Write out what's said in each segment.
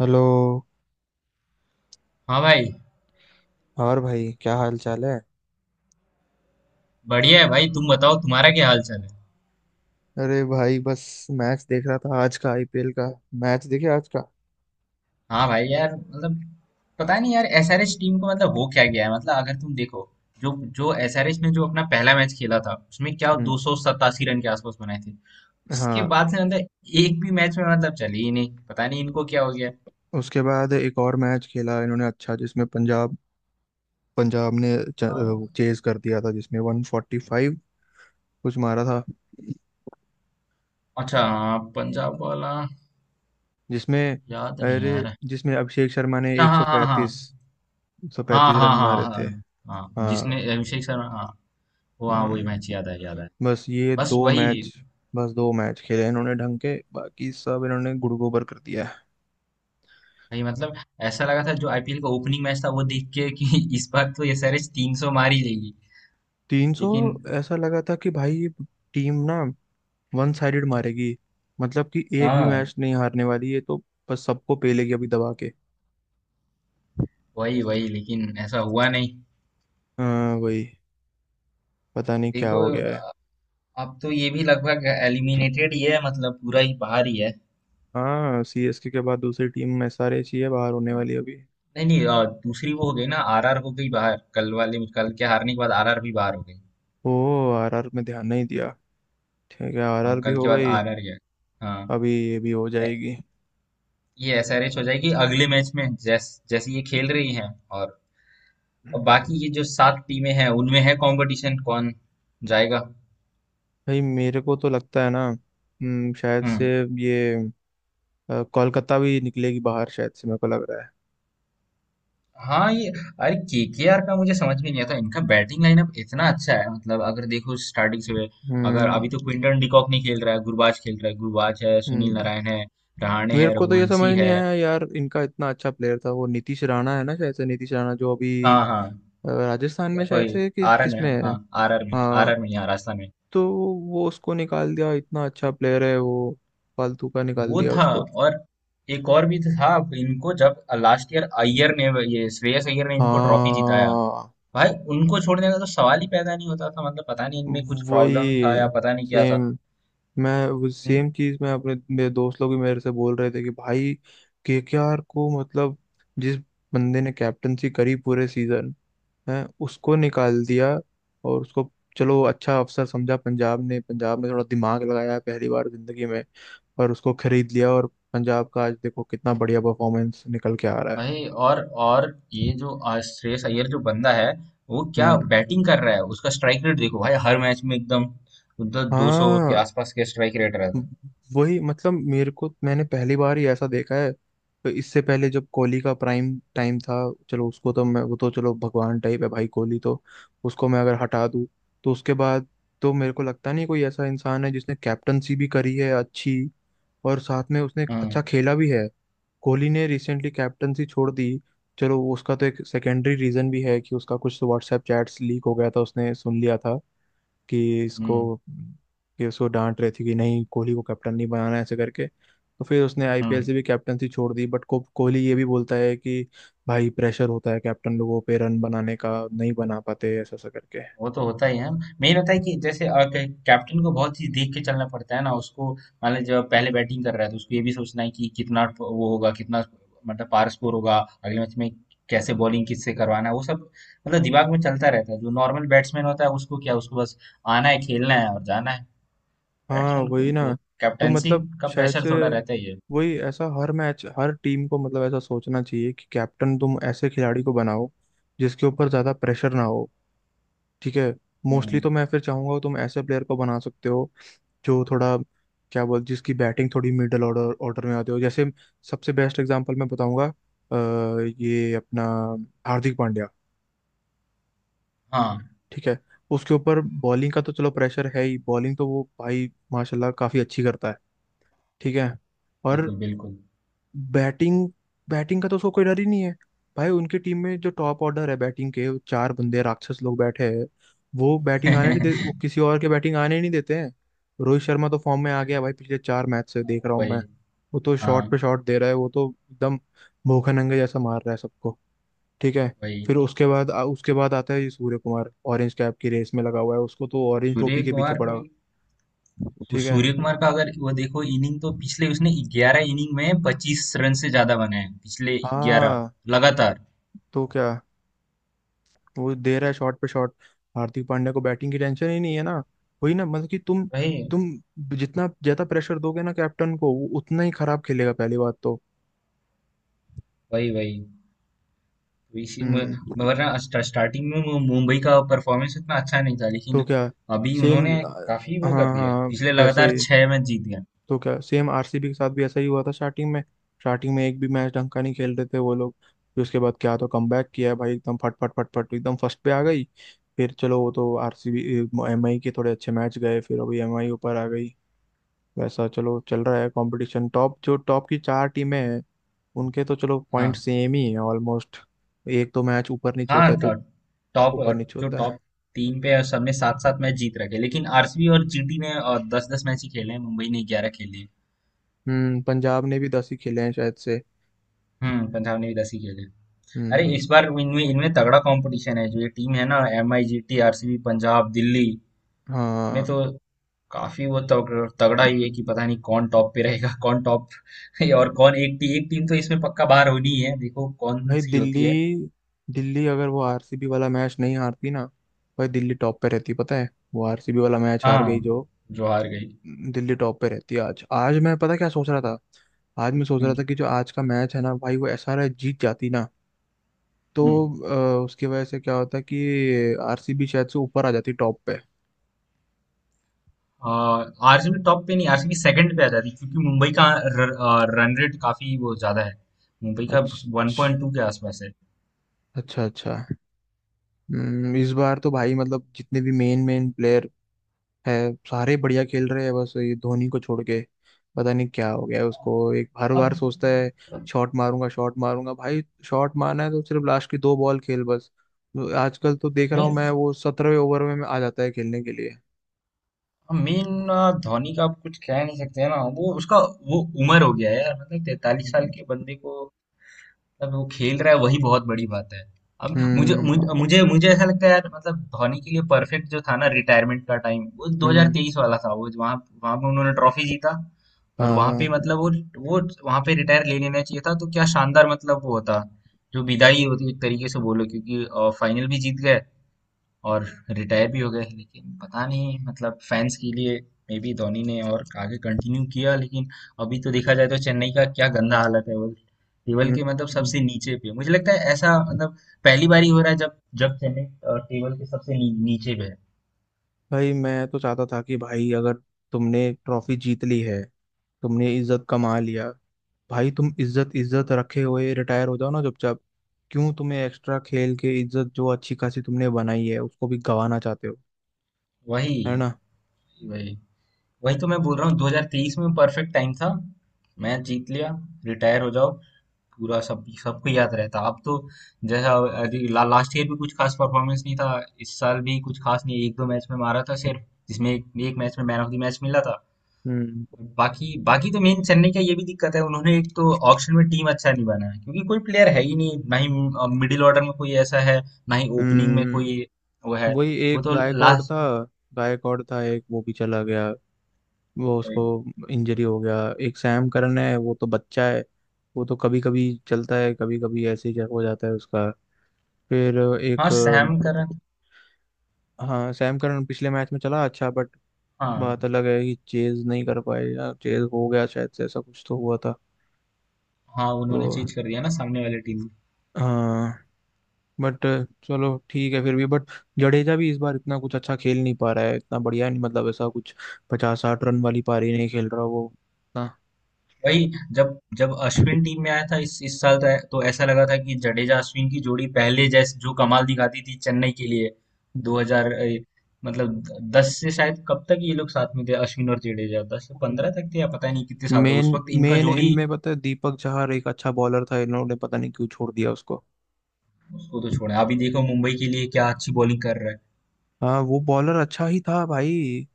Hello. हाँ भाई। और भाई क्या हाल चाल है? बढ़िया है भाई, तुम बताओ तुम्हारा क्या हाल चाल है। अरे भाई बस मैच देख रहा था आज का आईपीएल का मैच। देखे आज का? हाँ भाई, यार मतलब पता नहीं यार, एसआरएच टीम को मतलब हो क्या गया है। मतलब अगर तुम देखो, जो जो एसआरएच ने जो अपना पहला मैच खेला था, उसमें क्या दो हम्म। सौ सतासी रन के आसपास बनाए थे। उसके हाँ। बाद से मतलब एक भी मैच में मतलब चली ही नहीं, पता नहीं इनको क्या हो गया। उसके बाद एक और मैच खेला इन्होंने, अच्छा, जिसमें पंजाब पंजाब ने अ, चेज कर दिया था जिसमें 145 कुछ मारा था, अच्छा हाँ, पंजाब वाला जिसमें याद नहीं अरे आ रहा है। जिसमें अभिषेक शर्मा ने अच्छा, हाँ हाँ 135 हाँ। 135 हाँ रन हाँ मारे हाँ। थे। हाँ हाँ, हाँ। जिसने अभिषेक शर्मा, हाँ। वो हाँ, वही हम्म। मैच याद है, याद है। बस ये बस दो वही। मैच बस दो मैच खेले इन्होंने ढंग के, बाकी सब इन्होंने गुड़ गोबर कर दिया। भाई मतलब ऐसा लगा था जो आईपीएल का ओपनिंग मैच था, वो देख के कि इस बार तो ये एसआरएच 300 मार ही लेगी, 300। लेकिन। ऐसा लगा था कि भाई ये टीम ना वन साइडेड मारेगी, मतलब कि एक भी हाँ मैच नहीं हारने वाली है, तो बस सबको पेलेगी अभी दबा के। वही वही, लेकिन ऐसा हुआ नहीं। हाँ वही। पता नहीं क्या देखो, हो गया है। अब तो ये भी लगभग एलिमिनेटेड ही है, मतलब पूरा ही बाहर ही है। हाँ, सीएसके के बाद दूसरी टीम में एसआरएच ही है बाहर होने वाली अभी। नहीं नहीं, दूसरी वो हो गई ना, आरआर हो गई बाहर, कल वाले, कल के हारने के बाद आरआर भी बाहर हो गई। ओ। आरआर में ध्यान नहीं दिया। ठीक है, आरआर भी कल हो के बाद गई। आरआर गया, हाँ। अभी ये भी हो ए- जाएगी। ये एसआरएच हो जाएगी अगले मैच में, जैसे ये खेल रही है। और और बाकी ये जो सात टीमें हैं, उनमें है कंपटीशन कौन जाएगा। भाई मेरे को तो लगता है ना, शायद से हम्म। ये कोलकाता भी निकलेगी बाहर, शायद से मेरे को लग रहा है। हाँ ये, अरे केकेआर का मुझे समझ में नहीं आता, इनका बैटिंग लाइनअप इतना अच्छा है। मतलब अगर देखो स्टार्टिंग से, अगर अभी हम्म। तो क्विंटन डिकॉक नहीं खेल रहा है, गुरबाज खेल रहा है। गुरबाज है, सुनील हम्म। नारायण है, रहाणे मेरे है, को तो ये समझ रघुवंशी नहीं है। आया यार, इनका इतना अच्छा प्लेयर था वो नीतीश राणा, है ना? शायद से नीतीश राणा जो अभी हाँ हाँ, राजस्थान में, शायद कोई से, कि आरन किस है, में हाँ। है। आर आर में, आर हाँ। आर में, यहाँ राजस्थान में। तो वो उसको निकाल दिया, इतना अच्छा प्लेयर है वो। फालतू का निकाल वो दिया था, उसको। और एक और भी था। इनको जब लास्ट ईयर अय्यर ने, ये श्रेयस अय्यर ने इनको ट्रॉफी जिताया हाँ भाई, उनको छोड़ने का तो सवाल ही पैदा नहीं होता था। मतलब पता नहीं इनमें कुछ प्रॉब्लम था या वही पता नहीं क्या था। सेम। मैं वो हम्म। सेम चीज मैं अपने मेरे दोस्त लोग भी मेरे से बोल रहे थे कि भाई, केकेआर को मतलब जिस बंदे ने कैप्टनसी करी पूरे सीजन हैं, उसको निकाल दिया। और उसको, चलो अच्छा अफसर समझा पंजाब ने, पंजाब में थोड़ा दिमाग लगाया पहली बार जिंदगी में, और उसको खरीद लिया। और पंजाब का आज देखो कितना बढ़िया परफॉर्मेंस निकल के आ रहा है। भाई, और ये जो श्रेयस अय्यर जो बंदा है, वो क्या हम्म। बैटिंग कर रहा है। उसका स्ट्राइक रेट देखो भाई, हर मैच में एकदम उधर दो सौ के हाँ। आसपास के स्ट्राइक रेट रहता व- है। वही मतलब, मेरे को, मैंने पहली बार ही ऐसा देखा है। तो इससे पहले जब कोहली का प्राइम टाइम था, चलो उसको तो मैं, वो तो चलो भगवान टाइप है भाई कोहली तो, उसको मैं अगर हटा दूँ, तो उसके बाद, तो मेरे को लगता नहीं कोई ऐसा इंसान है जिसने कैप्टनसी भी करी है अच्छी, और साथ में उसने एक हम्म। अच्छा खेला भी है। कोहली ने रिसेंटली कैप्टनसी छोड़ दी। चलो, वो उसका तो एक सेकेंडरी रीजन भी है कि उसका कुछ व्हाट्सएप चैट्स लीक हो गया था, उसने सुन लिया था कि इसको हम्म। कि उसको डांट रहे थे कि नहीं कोहली को कैप्टन नहीं बनाना है, ऐसे करके। तो फिर उसने आईपीएल हम्म, से भी कैप्टनसी छोड़ दी। बट को कोहली ये भी बोलता है कि भाई प्रेशर होता है कैप्टन लोगों पे, रन बनाने का नहीं बना पाते, ऐसा ऐसा करके। वो तो होता ही है। मेन होता है कि जैसे, कैप्टन को बहुत चीज देख के चलना पड़ता है ना उसको। मान लीजिए जब पहले बैटिंग कर रहा है, तो उसको ये भी सोचना है कि कितना वो होगा, कितना मतलब पार स्कोर होगा अगले मैच में, कैसे बॉलिंग किससे करवाना है, वो सब मतलब दिमाग में चलता रहता है। जो नॉर्मल बैट्समैन होता है, उसको क्या, उसको बस आना है, खेलना है और जाना है। हाँ बैट्समैन को वही ना। वो तो कैप्टेंसी मतलब का शायद प्रेशर से थोड़ा रहता ही है। वही, ऐसा हर मैच हर टीम को मतलब ऐसा सोचना चाहिए कि कैप्टन तुम ऐसे खिलाड़ी को बनाओ जिसके ऊपर ज्यादा प्रेशर ना हो। ठीक है। मोस्टली हम्म, तो मैं फिर चाहूंगा तुम ऐसे प्लेयर को बना सकते हो जो थोड़ा, क्या बोल, जिसकी बैटिंग थोड़ी मिडल ऑर्डर ऑर्डर में आती हो। जैसे सबसे बेस्ट एग्जांपल मैं बताऊंगा, ये अपना हार्दिक पांड्या। हाँ ठीक है। उसके ऊपर बॉलिंग का तो चलो प्रेशर है ही, बॉलिंग तो वो भाई माशाल्लाह काफी अच्छी करता है। ठीक है। और बिल्कुल बिल्कुल। बैटिंग बैटिंग का तो उसको कोई डर ही नहीं है। भाई उनकी टीम में जो टॉप ऑर्डर है बैटिंग के, वो चार बंदे राक्षस लोग बैठे हैं। वो बैटिंग आने नहीं दे, वो किसी और के बैटिंग आने ही नहीं देते हैं। रोहित शर्मा तो फॉर्म में आ गया भाई, पिछले चार मैच से देख रहा हूँ मैं। वही। वो तो शॉट हाँ पे शॉट दे रहा है, वो तो एकदम भूखे नंगे जैसा मार रहा है सबको। ठीक है। फिर वही। उसके बाद उसके बाद आता है ये सूर्य कुमार, ऑरेंज कैप की रेस में लगा हुआ है, उसको तो ऑरेंज टोपी सूर्य के पीछे कुमार पड़ा को, हुआ है। तो ठीक है। सूर्य कुमार का, अगर वो देखो इनिंग, तो पिछले उसने 11 इनिंग में 25 रन से ज्यादा बनाए हैं, पिछले 11 हाँ लगातार। तो क्या, वो दे रहा है शॉट पे शॉट। हार्दिक पांड्या को बैटिंग की टेंशन ही नहीं है ना। वही ना, मतलब कि तुम वही तुम जितना ज्यादा प्रेशर दोगे ना कैप्टन को, वो उतना ही खराब खेलेगा पहली बात तो। वही वही तो इसी हम्म। वरना स्टार्टिंग में मुंबई का परफॉर्मेंस इतना अच्छा नहीं था, तो लेकिन क्या अभी सेम। उन्होंने काफी वो हाँ कर दिया है। हाँ। पिछले वैसे लगातार ही। 6 मैच जीत गए। तो क्या सेम आरसीबी के साथ भी ऐसा ही हुआ था स्टार्टिंग में, स्टार्टिंग में एक भी मैच ढंग का नहीं खेल रहे थे वो लोग, फिर उसके बाद क्या तो कमबैक किया है भाई एकदम, फट फट फट फट एकदम फर्स्ट पे आ गई। फिर चलो वो तो आरसीबी, एमआई के थोड़े अच्छे मैच गए, फिर अभी एमआई ऊपर आ गई। वैसा चलो चल रहा है कंपटीशन, टॉप, जो टॉप की चार टीमें हैं उनके तो चलो पॉइंट हाँ सेम ही है ऑलमोस्ट, एक तो मैच ऊपर नीचे हाँ। होता है तो, टॉप, ऊपर नीचे जो होता है। टॉप टीम पे है, सबने सात सात मैच जीत रखे, लेकिन आरसीबी और जीटी ने दस दस मैच ही खेले हैं, मुंबई ने 11 खेले हैं। हम्म, पंजाब ने भी 10 ही खेले हैं शायद से। हम्म, पंजाब ने भी 10 ही खेले। अरे हम्म। इस बार इनमें इनमें तगड़ा कंपटीशन है। जो ये टीम है ना, M I, G T, RCB, Punjab, Delhi, में तो हाँ, काफी वो तगड़ा ही है कि पता नहीं कौन टॉप पे रहेगा, कौन टॉप। और कौन, एक एक टीम तो इसमें पक्का बाहर होनी ही है, देखो कौन भाई सी दिल्ली, होती है। दिल्ली अगर वो आरसीबी वाला मैच नहीं हारती ना, भाई दिल्ली टॉप पे रहती, पता है? वो आरसीबी वाला मैच हार गई हाँ जो, जो हार गई। दिल्ली टॉप पे रहती। आज, आज मैं पता क्या सोच रहा था, आज मैं सोच रहा हम्म। था कि जो आज का मैच है ना भाई, वो ऐसा रहा, जीत जाती ना, तो हम्म। उसकी वजह से क्या होता है कि आरसीबी शायद से ऊपर आ जाती टॉप पे। आरसीबी टॉप पे नहीं, आरसीबी सेकंड पे आ जाती, क्योंकि मुंबई का रन रेट काफी वो ज्यादा है। मुंबई का अच्छा। 1.2 के आसपास है। अच्छा। अच्छा। इस बार तो भाई मतलब जितने भी मेन मेन प्लेयर है सारे बढ़िया खेल रहे हैं, बस ये धोनी को छोड़ के। पता नहीं क्या हो गया है उसको, एक हर बार अब सोचता है शॉट मारूंगा शॉट मारूंगा, भाई शॉट मारना है तो सिर्फ लास्ट की दो बॉल खेल बस। तो आजकल तो देख रहा नहीं, हूँ मैं वो 17वें ओवर में आ जाता है खेलने के लिए। मेन धोनी का आप कुछ कह नहीं सकते हैं ना, वो उसका वो उम्र हो गया है यार। मतलब 43 साल हम्म। के बंदे को, मतलब वो खेल रहा है वही बहुत बड़ी बात है। अब मुझे हम्म। मुझे मुझे मुझे ऐसा लगता है यार, मतलब धोनी के लिए परफेक्ट जो था ना रिटायरमेंट का टाइम, वो हम्म। 2023 वाला था। वो वहां, वहां पे उन्होंने ट्रॉफी जीता, और वहां पे हाँ। मतलब वो वहां पे रिटायर ले लेना चाहिए था, तो क्या शानदार मतलब वो होता जो विदाई होती, एक तरीके से बोलो, क्योंकि फाइनल भी जीत गए और रिटायर भी हो गए। लेकिन पता नहीं, मतलब फैंस के लिए मे बी धोनी ने और आगे कंटिन्यू किया। लेकिन अभी तो देखा जाए तो चेन्नई का क्या गंदा हालत है, वो टेबल हम्म। के मतलब हम्म। सबसे नीचे पे, मुझे लगता है ऐसा। मतलब पहली बार ही हो रहा है जब जब चेन्नई टेबल के सबसे नीचे पे है। भाई मैं तो चाहता था कि भाई, अगर तुमने ट्रॉफी जीत ली है, तुमने इज्जत कमा लिया, भाई तुम इज्जत इज्जत रखे हुए रिटायर हो जाओ ना चुपचाप। क्यों तुम्हें एक्स्ट्रा खेल के इज्जत जो अच्छी खासी तुमने बनाई है उसको भी गंवाना चाहते हो? वही है ना? वही। वही तो मैं बोल रहा हूँ 2023 में परफेक्ट टाइम था, मैच जीत लिया, रिटायर हो जाओ, पूरा सब, सबको याद रहता। अब तो जैसा, अभी लास्ट ईयर भी कुछ खास परफॉर्मेंस नहीं था, इस साल भी कुछ खास नहीं। एक दो मैच में मारा था सिर्फ, जिसमें एक मैच में मैन ऑफ द मैच मिला था। हम्म। बाकी बाकी तो, मेन चेन्नई का ये भी दिक्कत है, उन्होंने एक तो ऑक्शन में टीम अच्छा नहीं बनाया, क्योंकि कोई प्लेयर है ही नहीं, ना ही मिडिल ऑर्डर में कोई ऐसा है, ना ही ओपनिंग में कोई हम्म। वो है। वही वो एक तो गायकॉड लास्ट, था, गायकॉड था एक, वो भी चला गया। वो उसको इंजरी हो गया। एक सैम करन है, वो तो बच्चा है, वो तो कभी कभी चलता है, कभी कभी ऐसे ही हो जाता है उसका। फिर हाँ एक सैम करन। हाँ, सैम करन पिछले मैच में चला अच्छा, बट हाँ बात अलग है कि चेज नहीं कर पाए या चेज हो गया, शायद से ऐसा कुछ तो हुआ था। हाँ, तो उन्होंने चेंज कर दिया ना सामने वाली टीम। हाँ, बट चलो ठीक है फिर भी, बट जडेजा भी इस बार इतना कुछ अच्छा खेल नहीं पा रहा है, इतना बढ़िया नहीं, मतलब ऐसा कुछ पचास साठ रन वाली पारी नहीं खेल रहा वो ना। वही, जब जब अश्विन टीम में आया था इस साल, तो ऐसा लगा था कि जडेजा अश्विन की जोड़ी, पहले जैसे जो कमाल दिखाती थी चेन्नई के लिए, 2000 मतलब 10 से, शायद कब तक ये लोग साथ में थे, अश्विन और जडेजा 10 से 15 तक थे, या पता नहीं कितने साल तक मेन उस वक्त इनका मेन जोड़ी। इनमें पता है दीपक चहर एक अच्छा बॉलर था, इन्होंने पता नहीं क्यों छोड़ दिया उसको। उसको तो छोड़ा, अभी देखो मुंबई के लिए क्या अच्छी बॉलिंग कर रहा है। हाँ, वो बॉलर अच्छा ही था भाई।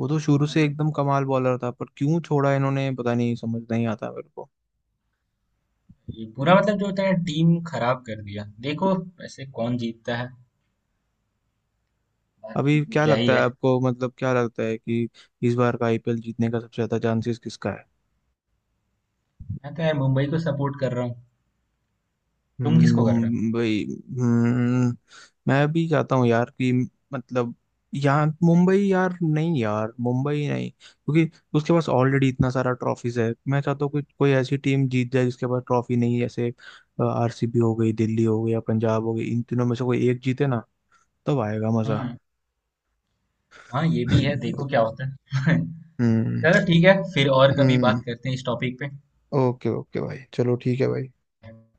वो तो शुरू से एकदम कमाल बॉलर था, पर क्यों छोड़ा इन्होंने पता नहीं, समझ नहीं आता मेरे को। ये पूरा मतलब जो होता है, टीम खराब कर दिया देखो। वैसे कौन जीतता है, बाकी अभी तो क्या क्या ही लगता है। है आपको, मतलब क्या लगता है कि इस बार का आईपीएल जीतने का सबसे ज्यादा चांसेस किसका है? मैं तो यार मुंबई को सपोर्ट कर रहा हूँ। तुम किसको कर रहे मुंबई? हम्म, मैं भी चाहता हूँ यार कि, मतलब, यहाँ मुंबई, यार नहीं यार मुंबई नहीं, क्योंकि उसके पास ऑलरेडी इतना सारा ट्रॉफीज है। मैं चाहता हूँ कोई, कोई ऐसी टीम जीत जाए जिसके पास ट्रॉफी नहीं है, जैसे आरसीबी हो गई, दिल्ली हो गई, या पंजाब हो गई, इन तीनों में से कोई एक जीते ना, तब आएगा हो। मजा। हम्म। हाँ ये भी है, देखो क्या होता है। हम्म। चलो ठीक है, फिर और कभी हम्म। बात करते हैं इस टॉपिक ओके ओके भाई, चलो ठीक है भाई। पे।